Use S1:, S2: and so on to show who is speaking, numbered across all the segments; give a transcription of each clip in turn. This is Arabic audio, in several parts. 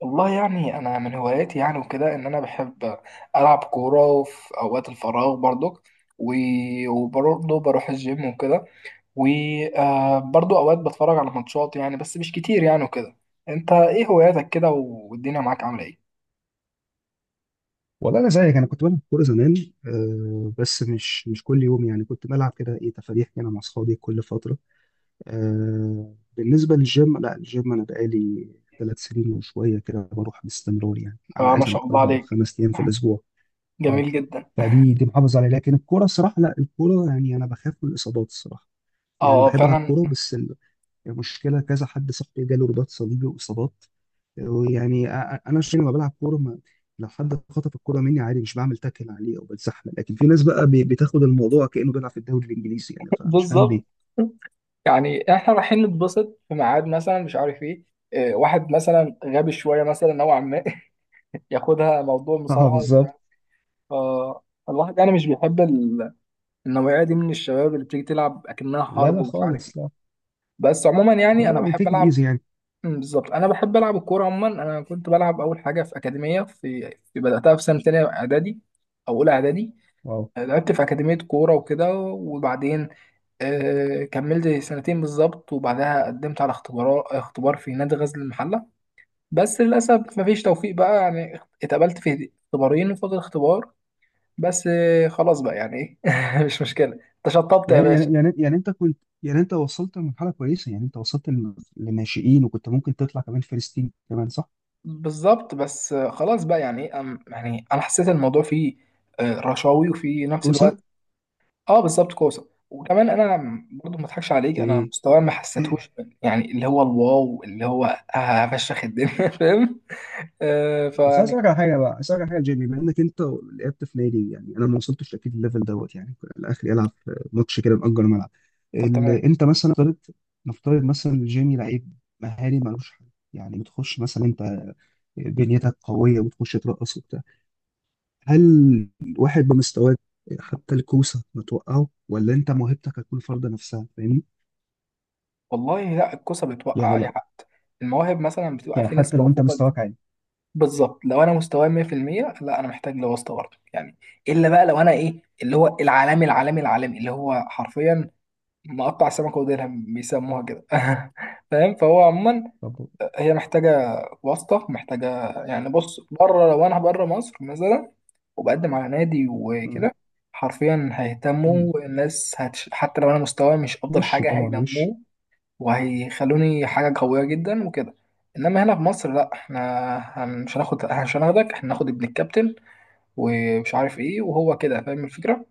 S1: والله يعني انا من هواياتي يعني وكده ان انا بحب العب كوره في اوقات الفراغ برضك. وبرضه بروح الجيم وكده. وبرضه اوقات بتفرج على ماتشات يعني بس مش كتير يعني وكده. انت ايه هواياتك كده والدنيا معاك عامله ايه؟
S2: والله انا زيك، انا كنت بلعب كوره زمان. آه، بس مش كل يوم يعني. كنت بلعب كده، ايه، تفاريح كده مع اصحابي كل فتره. آه، بالنسبه للجيم، لا الجيم انا بقالي ثلاث سنين وشويه كده، بروح باستمرار يعني، على
S1: آه،
S2: الاقل
S1: ما
S2: مثلاً
S1: شاء الله
S2: اربع او
S1: عليك،
S2: خمس ايام في الاسبوع. اه،
S1: جميل جدا.
S2: فدي دي محافظ عليها. لكن الكوره الصراحه، لا الكوره يعني انا بخاف من الاصابات الصراحه.
S1: اه،
S2: يعني
S1: آه،
S2: بحب العب
S1: فعلا.
S2: كوره بس المشكله كذا حد صاحبي جاله رباط صليبي واصابات. ويعني انا عشان لما بلعب كوره ما، لو حد خطف الكوره مني عادي مش بعمل تاكل عليه او بتزحلق، لكن في ناس بقى بتاخد الموضوع كانه بيلعب في الدوري الانجليزي يعني، فمش فاهم
S1: بالظبط،
S2: ليه.
S1: يعني احنا رايحين نتبسط في ميعاد مثلا، مش عارف ايه. آه، واحد مثلا غبي شويه مثلا نوعا ما، ياخدها موضوع
S2: اه،
S1: مصارعه.
S2: بالظبت.
S1: فالواحد يعني مش بيحب النوعية دي من الشباب اللي بتيجي تلعب أكنها
S2: لا
S1: حرب
S2: لا،
S1: ومش عارف ايه.
S2: خالص لا.
S1: بس عموما يعني أنا
S2: الموضوع
S1: بحب
S2: بيتاكل
S1: ألعب.
S2: ايزي يعني.
S1: مم، بالظبط، أنا بحب ألعب الكورة عموما. أنا كنت بلعب أول حاجة في أكاديمية في بدأتها في سنة تانية إعدادي أو أولى إعدادي.
S2: واو.
S1: لعبت في أكاديمية كورة وكده، وبعدين آه كملت سنتين بالظبط، وبعدها قدمت على اختبار في نادي غزل المحلة. بس للأسف مفيش توفيق بقى يعني، اتقبلت في اختبارين وفضل اختبار. بس آه، خلاص بقى يعني، ايه، مش مشكله. انت شطبت يا
S2: يعني
S1: باشا.
S2: يعني يعني يعني انت كنت يعني، انت وصلت لمرحله كويسه يعني، انت وصلت لناشئين، وكنت ممكن تطلع كمان فلسطين كمان، صح؟
S1: بالظبط، بس آه، خلاص بقى يعني ايه، يعني انا حسيت الموضوع فيه آه، رشاوي، وفي نفس الوقت
S2: كوسه.
S1: اه بالظبط كوسه. وكمان انا برضو ما اضحكش عليك، انا مستواي ما حسيتهوش يعني، اللي هو الواو اللي هو آه، هفشخ الدنيا، فاهم. آه،
S2: بس عايز
S1: فيعني
S2: اسالك على حاجه بقى، عايز اسالك على حاجه يا جيمي. بما انك انت لعبت في نادي، يعني انا ما وصلتش اكيد الليفل دوت، يعني الاخر يلعب في ماتش كده نأجر ملعب.
S1: طب تمام.
S2: انت مثلا نفترض، نفترض مثلا جيمي لعيب مهاري ملوش حل. يعني بتخش مثلا انت، بنيتك قويه وبتخش ترقص وبتاع. هل واحد بمستواك حتى الكوسه ما توقعه، ولا انت موهبتك هتكون فرض نفسها، فاهمني؟
S1: والله لا، الكوسه بتوقع
S2: يعني
S1: اي
S2: لو،
S1: حد. المواهب مثلا بتبقى
S2: يعني
S1: في ناس
S2: حتى لو انت
S1: موهوبه.
S2: مستواك عالي.
S1: بالظبط، لو انا مستواي 100% لا انا محتاج لواسطه برضه يعني. الا بقى لو انا ايه، اللي هو العالمي العالمي العالمي اللي هو حرفيا مقطع السمكه وديلها بيسموها كده، فاهم. فهو عموما
S2: طب
S1: هي محتاجه واسطه، محتاجه يعني. بص بره، لو انا بره مصر مثلا وبقدم على نادي
S2: مم.
S1: وكده، حرفيا هيهتموا الناس، هتش... حتى لو انا مستواي مش افضل
S2: وش
S1: حاجه
S2: طبعا، وش.
S1: هينموه وهيخلوني حاجة قوية جدا وكده. انما هنا في مصر لا، احنا مش هناخد، مش هناخدك، احنا هناخد ابن الكابتن ومش عارف ايه، وهو كده، فاهم الفكرة.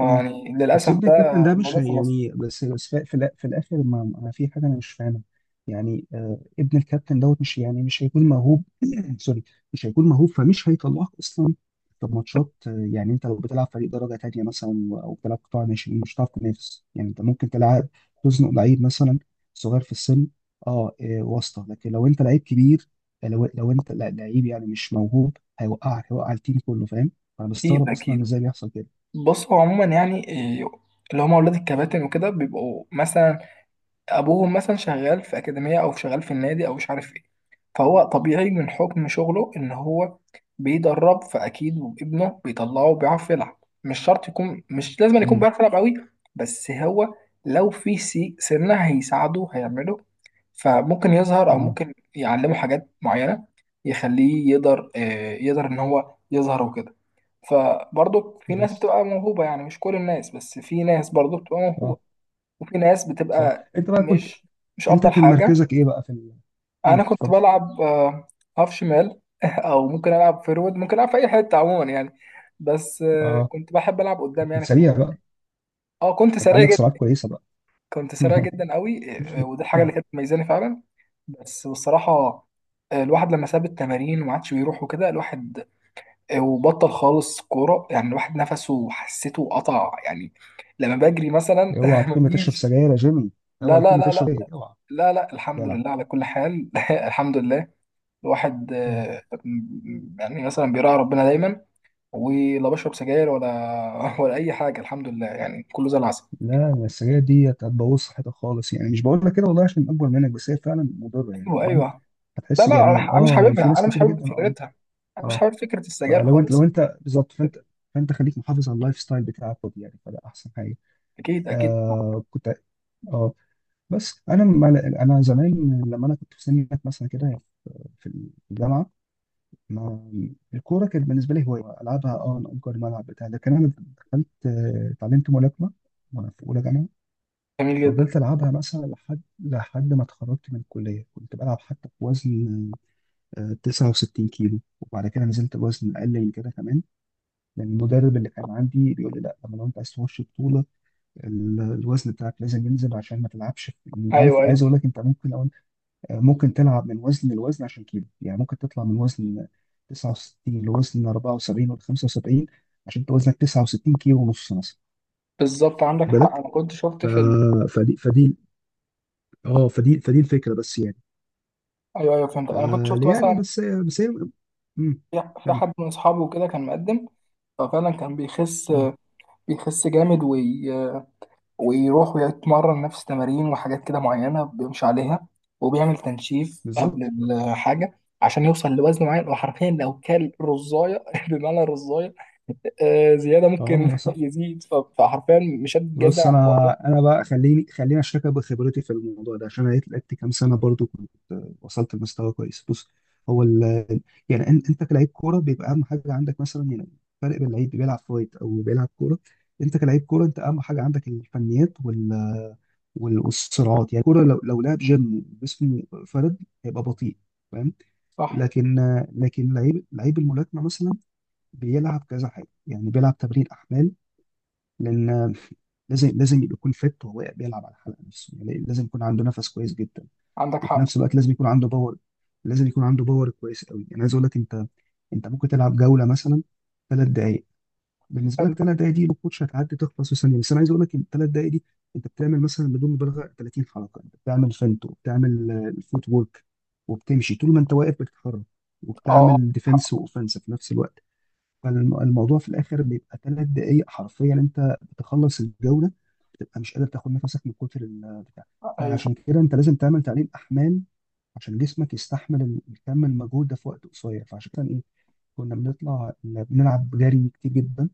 S2: مم. بس
S1: للأسف
S2: ابن
S1: ده
S2: الكابتن ده مش
S1: الموضوع في مصر.
S2: يعني، بس في الاخر ما، في حاجه انا مش فاهمها. يعني آه، ابن الكابتن دوت مش يعني مش هيكون موهوب. سوري. مش هيكون موهوب، فمش هيطلعك اصلا في ماتشات. آه، يعني انت لو بتلعب فريق درجه تانيه مثلا او بتلعب قطاع ناشئين، مش هتعرف تنافس يعني. انت ممكن تلعب، تزنق لعيب مثلا صغير في السن، اه آه، واسطه. لكن لو انت لعيب كبير، لو انت لعيب يعني مش موهوب، هيوقعك، هيوقع التيم كله، فاهم. انا
S1: أكيد
S2: بستغرب اصلا
S1: أكيد.
S2: ازاي بيحصل كده.
S1: بص هو عموما يعني إيه، اللي هما أولاد الكباتن وكده بيبقوا مثلا ابوهم مثلا شغال في اكاديميه او شغال في النادي او مش عارف ايه، فهو طبيعي من حكم شغله ان هو بيدرب، فاكيد وابنه بيطلعه بيعرف يلعب. مش شرط يكون، مش لازم يكون بيعرف يلعب قوي، بس هو لو في سي سنه هيساعده، هيعمله، فممكن يظهر او
S2: مم.
S1: ممكن يعلمه حاجات معينه يخليه يقدر آه، يقدر ان هو يظهر وكده. فبرضه في ناس
S2: كويس.
S1: بتبقى موهوبه يعني، مش كل الناس، بس في ناس برضه بتبقى موهوبه
S2: صح.
S1: وفي ناس
S2: صح.
S1: بتبقى
S2: انت بقى كنت،
S1: مش، مش
S2: انت
S1: افضل
S2: كان
S1: حاجه.
S2: مركزك ايه بقى في
S1: انا
S2: مم،
S1: كنت
S2: اتفضل.
S1: بلعب آه، هاف شمال، او ممكن العب فيرود، ممكن العب في اي حته عموما يعني. بس آه،
S2: اه،
S1: كنت بحب العب قدام
S2: كنت
S1: يعني في
S2: سريع
S1: الهجوم.
S2: بقى.
S1: اه كنت
S2: كانت
S1: سريع
S2: عندك
S1: جدا،
S2: سرعات كويسه بقى.
S1: كنت سريع جدا قوي آه، آه، ودي الحاجه اللي كانت مميزاني فعلا. بس بصراحه آه، الواحد لما ساب التمارين وما عادش بيروح وكده، الواحد آه، وبطل خالص كوره يعني، الواحد نفسه حسيته قطع يعني لما بجري مثلا،
S2: اوعى تكون بتشرب
S1: مفيش.
S2: سجاير يا جيمي.
S1: لا
S2: اوعى
S1: لا
S2: تكون بتشرب
S1: لا
S2: ايه، اوعى.
S1: لا الحمد
S2: جدع.
S1: لله على كل حال، الحمد لله. الواحد
S2: اوعى.
S1: آه، يعني مثلا بيراعي ربنا دايما، ولا بشرب سجاير ولا ولا اي حاجه الحمد لله، يعني كله زي العسل.
S2: لا، أنا السجاير دي هتبوظ صحتك خالص يعني. مش بقول لك كده والله عشان اكبر منك، بس هي فعلا مضره يعني،
S1: ايوه
S2: فاهم.
S1: ايوه. لا
S2: هتحس
S1: لا، انا
S2: يعني
S1: أنا مش
S2: اه، يعني في
S1: حاببها،
S2: ناس
S1: انا مش
S2: كتيره
S1: حابب
S2: جدا اه.
S1: فكرتها، انا مش
S2: اه،
S1: حابب فكره السجاير
S2: فلو انت، لو
S1: خالص.
S2: انت بالظبط فانت، فانت خليك محافظ على اللايف ستايل بتاعك برضه يعني، فده احسن حاجه.
S1: اكيد اكيد.
S2: آه كنت، اه بس انا ما انا زمان لما انا كنت في سنة مثلا كده في الجامعه، ما الكوره كانت بالنسبه لي هوايه العبها اه، انا اجر ملعب بتاع. لكن انا دخلت، آه، اتعلمت ملاكمه وانا في اولى جامعه.
S1: جميل جدا.
S2: فضلت العبها مثلا لحد، ما اتخرجت من الكليه. كنت بلعب حتى في وزن آه، 69 كيلو، وبعد كده نزلت الوزن اقل من كده كمان. لان المدرب اللي كان عندي بيقول لي لا، لما لو انت عايز تخش بطوله الوزن بتاعك لازم ينزل عشان ما تلعبش يعني. عارف،
S1: ايوه ايوه.
S2: عايز اقول لك انت ممكن لو، ممكن تلعب من وزن لوزن عشان كيلو يعني. ممكن تطلع من وزن 69 لوزن 74 ولا 75، عشان انت وزنك 69 كيلو ونص مثلا.
S1: بالظبط عندك
S2: خد
S1: حق،
S2: بالك.
S1: انا كنت شفت
S2: ف...
S1: في ال...
S2: فدي اه فدي الفكره بس يعني.
S1: ايوه ايوه فهمت.
S2: ف-
S1: انا كنت شفت
S2: يعني
S1: مثلا
S2: بس هي. مم.
S1: في
S2: كمل.
S1: حد من اصحابه كده كان مقدم، ففعلا كان بيخس،
S2: مم.
S1: بيخس جامد، وي ويروح ويتمرن نفس تمارين وحاجات كده معينة بيمشي عليها، وبيعمل تنشيف قبل
S2: بالظبط.
S1: الحاجة عشان يوصل لوزن معين، وحرفيا لو كل رزاية بمعنى رزاية آه، زيادة
S2: اه،
S1: ممكن
S2: لا صح.
S1: يزيد، فحرفيا مش
S2: بص،
S1: هتتجدع على الحوار
S2: انا
S1: ده.
S2: انا بقى، خليني اشاركك بخبرتي في الموضوع ده، عشان انا لعبت كام سنه برضو، كنت وصلت لمستوى كويس. بص، هو يعني انت كلاعب كوره بيبقى اهم حاجه عندك مثلا يعني، الفرق بين لعيب بيلعب فايت او بيلعب كوره. انت كلاعب كوره، انت اهم حاجه عندك الفنيات والصراعات يعني. الكوره لو لعب جيم جسمه فرد، هيبقى بطيء، فاهم.
S1: صح،
S2: لكن لعيب، لعيب الملاكمه مثلا بيلعب كذا حاجه يعني، بيلعب تمرين احمال لان، لازم يكون فت وهو بيلعب على الحلقه نفسه، يعني إيه؟ لازم يكون عنده نفس كويس جدا،
S1: عندك
S2: وفي
S1: حق.
S2: نفس الوقت لازم يكون عنده باور، كويس قوي. يعني عايز اقول لك انت، انت ممكن تلعب جوله مثلا ثلاث دقائق. بالنسبه لك
S1: اه،
S2: ثلاث دقائق دي الكوتش هتعدي تخلص في ثانيه، بس انا عايز اقول لك ان الثلاث دقائق دي انت بتعمل مثلا بدون مبالغه 30 حركه. انت بتعمل فنت وبتعمل آه، الفوت وورك، وبتمشي طول ما انت واقف بتتحرك،
S1: آه،
S2: وبتعمل
S1: حق.
S2: ديفense واوفنس في نفس الوقت. فالموضوع في الاخر بيبقى ثلاث دقائق، حرفيا انت بتخلص الجوله بتبقى مش قادر تاخد نفسك من كتر البتاع.
S1: ايوه.
S2: فعشان كده انت لازم تعمل تقليل احمال عشان جسمك يستحمل الكم المجهود ده في وقت قصير. فعشان كده ايه، كنا بنطلع بنلعب جري كتير جدا.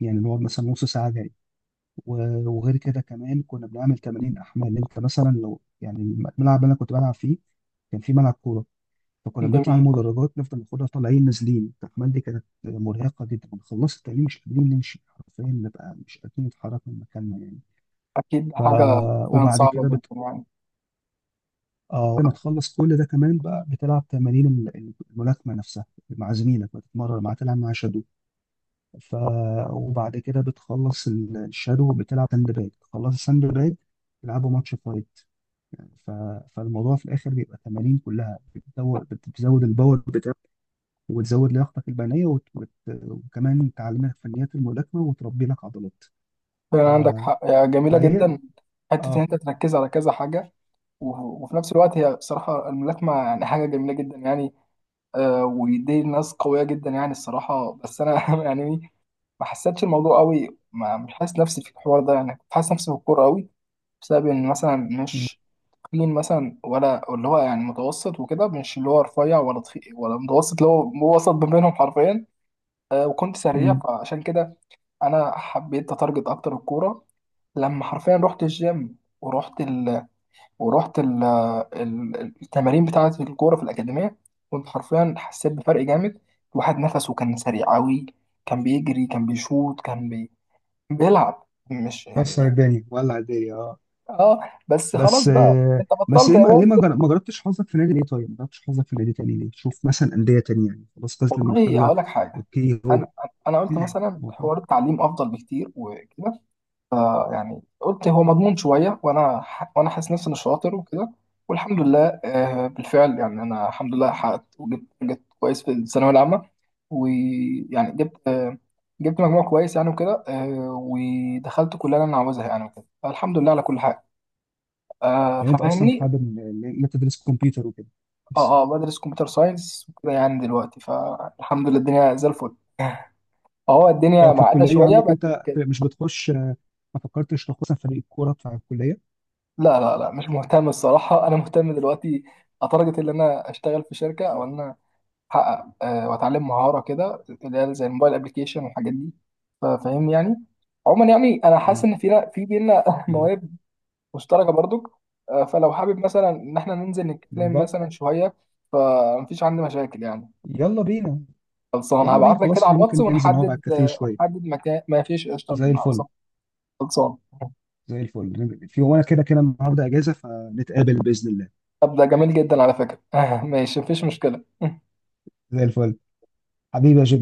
S2: يعني نقعد مثلا نص ساعه جري، وغير كده كمان كنا بنعمل تمارين احمال. انت مثلا لو يعني الملعب اللي انا كنت بلعب فيه كان في ملعب كوره، فكنا بنطلع
S1: جميل.
S2: المدرجات نفضل ناخدها طالعين نازلين. التحمال دي كانت مرهقه جدا. كنا خلصت التعليم مش قادرين نمشي حرفيا، نبقى مش قادرين نتحرك من مكاننا يعني.
S1: اكيد
S2: ف،
S1: حاجة. فعلا
S2: وبعد
S1: صعبة
S2: كده
S1: جدا يعني.
S2: آه بعد ما تخلص كل ده كمان بقى، بتلعب تمارين الملاكمه نفسها مع زميلك، بتتمرن مع، تلعب مع شادو. ف، وبعد كده بتخلص الشادو، بتلعب ساند باج، تخلص الساند باج، تلعبوا ماتش فايت. ف... فالموضوع في الاخر بيبقى تمارين كلها بتدور بتزود الباور، وتزود لياقتك البدنيه، وكمان تعلمك فنيات الملاكمه وتربي لك عضلات. ف...
S1: فعلا عندك حق يا، جميلة
S2: فهي.
S1: جدا. حتة ان
S2: اه.
S1: انت تركز على كذا حاجة، وفي نفس الوقت هي بصراحة الملاكمة يعني حاجة جميلة جدا يعني آه، ودي ناس قوية جدا يعني الصراحة. بس أنا يعني إيه، ما حسيتش الموضوع قوي، ما مش حاسس نفسي في الحوار ده يعني، كنت حاسس نفسي في الكورة قوي بسبب إن مثلا
S2: م-
S1: مش تخين مثلا، ولا اللي هو يعني متوسط وكده، مش اللي هو رفيع ولا تخين ولا متوسط، اللي هو هو وسط ما بينهم حرفيا. آه، وكنت سريع،
S2: م-
S1: فعشان كده أنا حبيت أتارجت أكتر الكورة. لما حرفيا رحت الجيم ورحت، ورحت التمارين بتاعة الكورة في الأكاديمية، كنت حرفيا حسيت بفرق جامد. الواحد نفسه كان سريع أوي، كان بيجري، كان بيشوط، كان بي... بيلعب، مش يعني
S2: كسر
S1: إيه.
S2: الدنيا، ولع الدنيا، اه.
S1: اه، بس خلاص
S2: بس
S1: بقى
S2: آه،
S1: انت
S2: بس
S1: بطلت
S2: ليه
S1: يا
S2: ما،
S1: ماسك.
S2: ما جربتش حظك في نادي ليه طيب؟ ما جربتش حظك في نادي تاني ليه؟ شوف مثلا أندية تانية يعني، خلاص غزل
S1: والله
S2: المحلة.
S1: هقول لك حاجة،
S2: اوكي، هو
S1: انا انا قلت مثلا
S2: هو حلو.
S1: حوار التعليم افضل بكتير وكده. آه يعني قلت هو مضمون شويه، وانا وانا حاسس نفسي اني شاطر وكده، والحمد لله آه، بالفعل يعني انا الحمد لله حققت، وجبت، جبت كويس في الثانويه العامه، ويعني جبت آه، جبت مجموع كويس يعني وكده آه، ودخلت كليه اللي انا عاوزها يعني وكده، فالحمد لله على كل حاجه آه،
S2: يعني انت اصلا
S1: ففاهمني.
S2: حابب ان، إن انت تدرس كمبيوتر وكده بس.
S1: اه اه، بدرس كمبيوتر ساينس وكده يعني دلوقتي، فالحمد لله الدنيا زي الفل. اه الدنيا
S2: طب في
S1: معقده
S2: الكلية
S1: شويه
S2: عندك
S1: بقت.
S2: انت مش بتخش آه، ما فكرتش تخش مثلا فريق الكورة بتاع الكلية؟
S1: لا لا لا، مش مهتم الصراحة، أنا مهتم دلوقتي لدرجة إن أنا أشتغل في شركة، أو إن أنا أحقق آه، وأتعلم مهارة كده اللي هي زي الموبايل أبلكيشن والحاجات دي، فاهم يعني. عموما يعني أنا حاسس
S2: مم.
S1: إن فينا، بينا مواهب مشتركة برضك آه، فلو حابب مثلا إن إحنا ننزل
S2: مم.
S1: نتكلم مثلا شوية، فمفيش عندي مشاكل يعني.
S2: يلا بينا.
S1: خلصان،
S2: يلا بينا
S1: هبعت لك
S2: خلاص،
S1: كده
S2: احنا
S1: على الواتس
S2: ممكن ننزل نقعد على
S1: ونحدد
S2: الكافيه
S1: آه،
S2: شوية.
S1: ونحدد مكان، ما فيش قشطة.
S2: زي الفل.
S1: خلصان.
S2: زي الفل، في، وانا كده كده النهارده اجازة، فنتقابل بإذن الله.
S1: طب ده جميل جدا على فكرة، ماشي، مفيش مشكلة.
S2: زي الفل. حبيبي يا جبنا.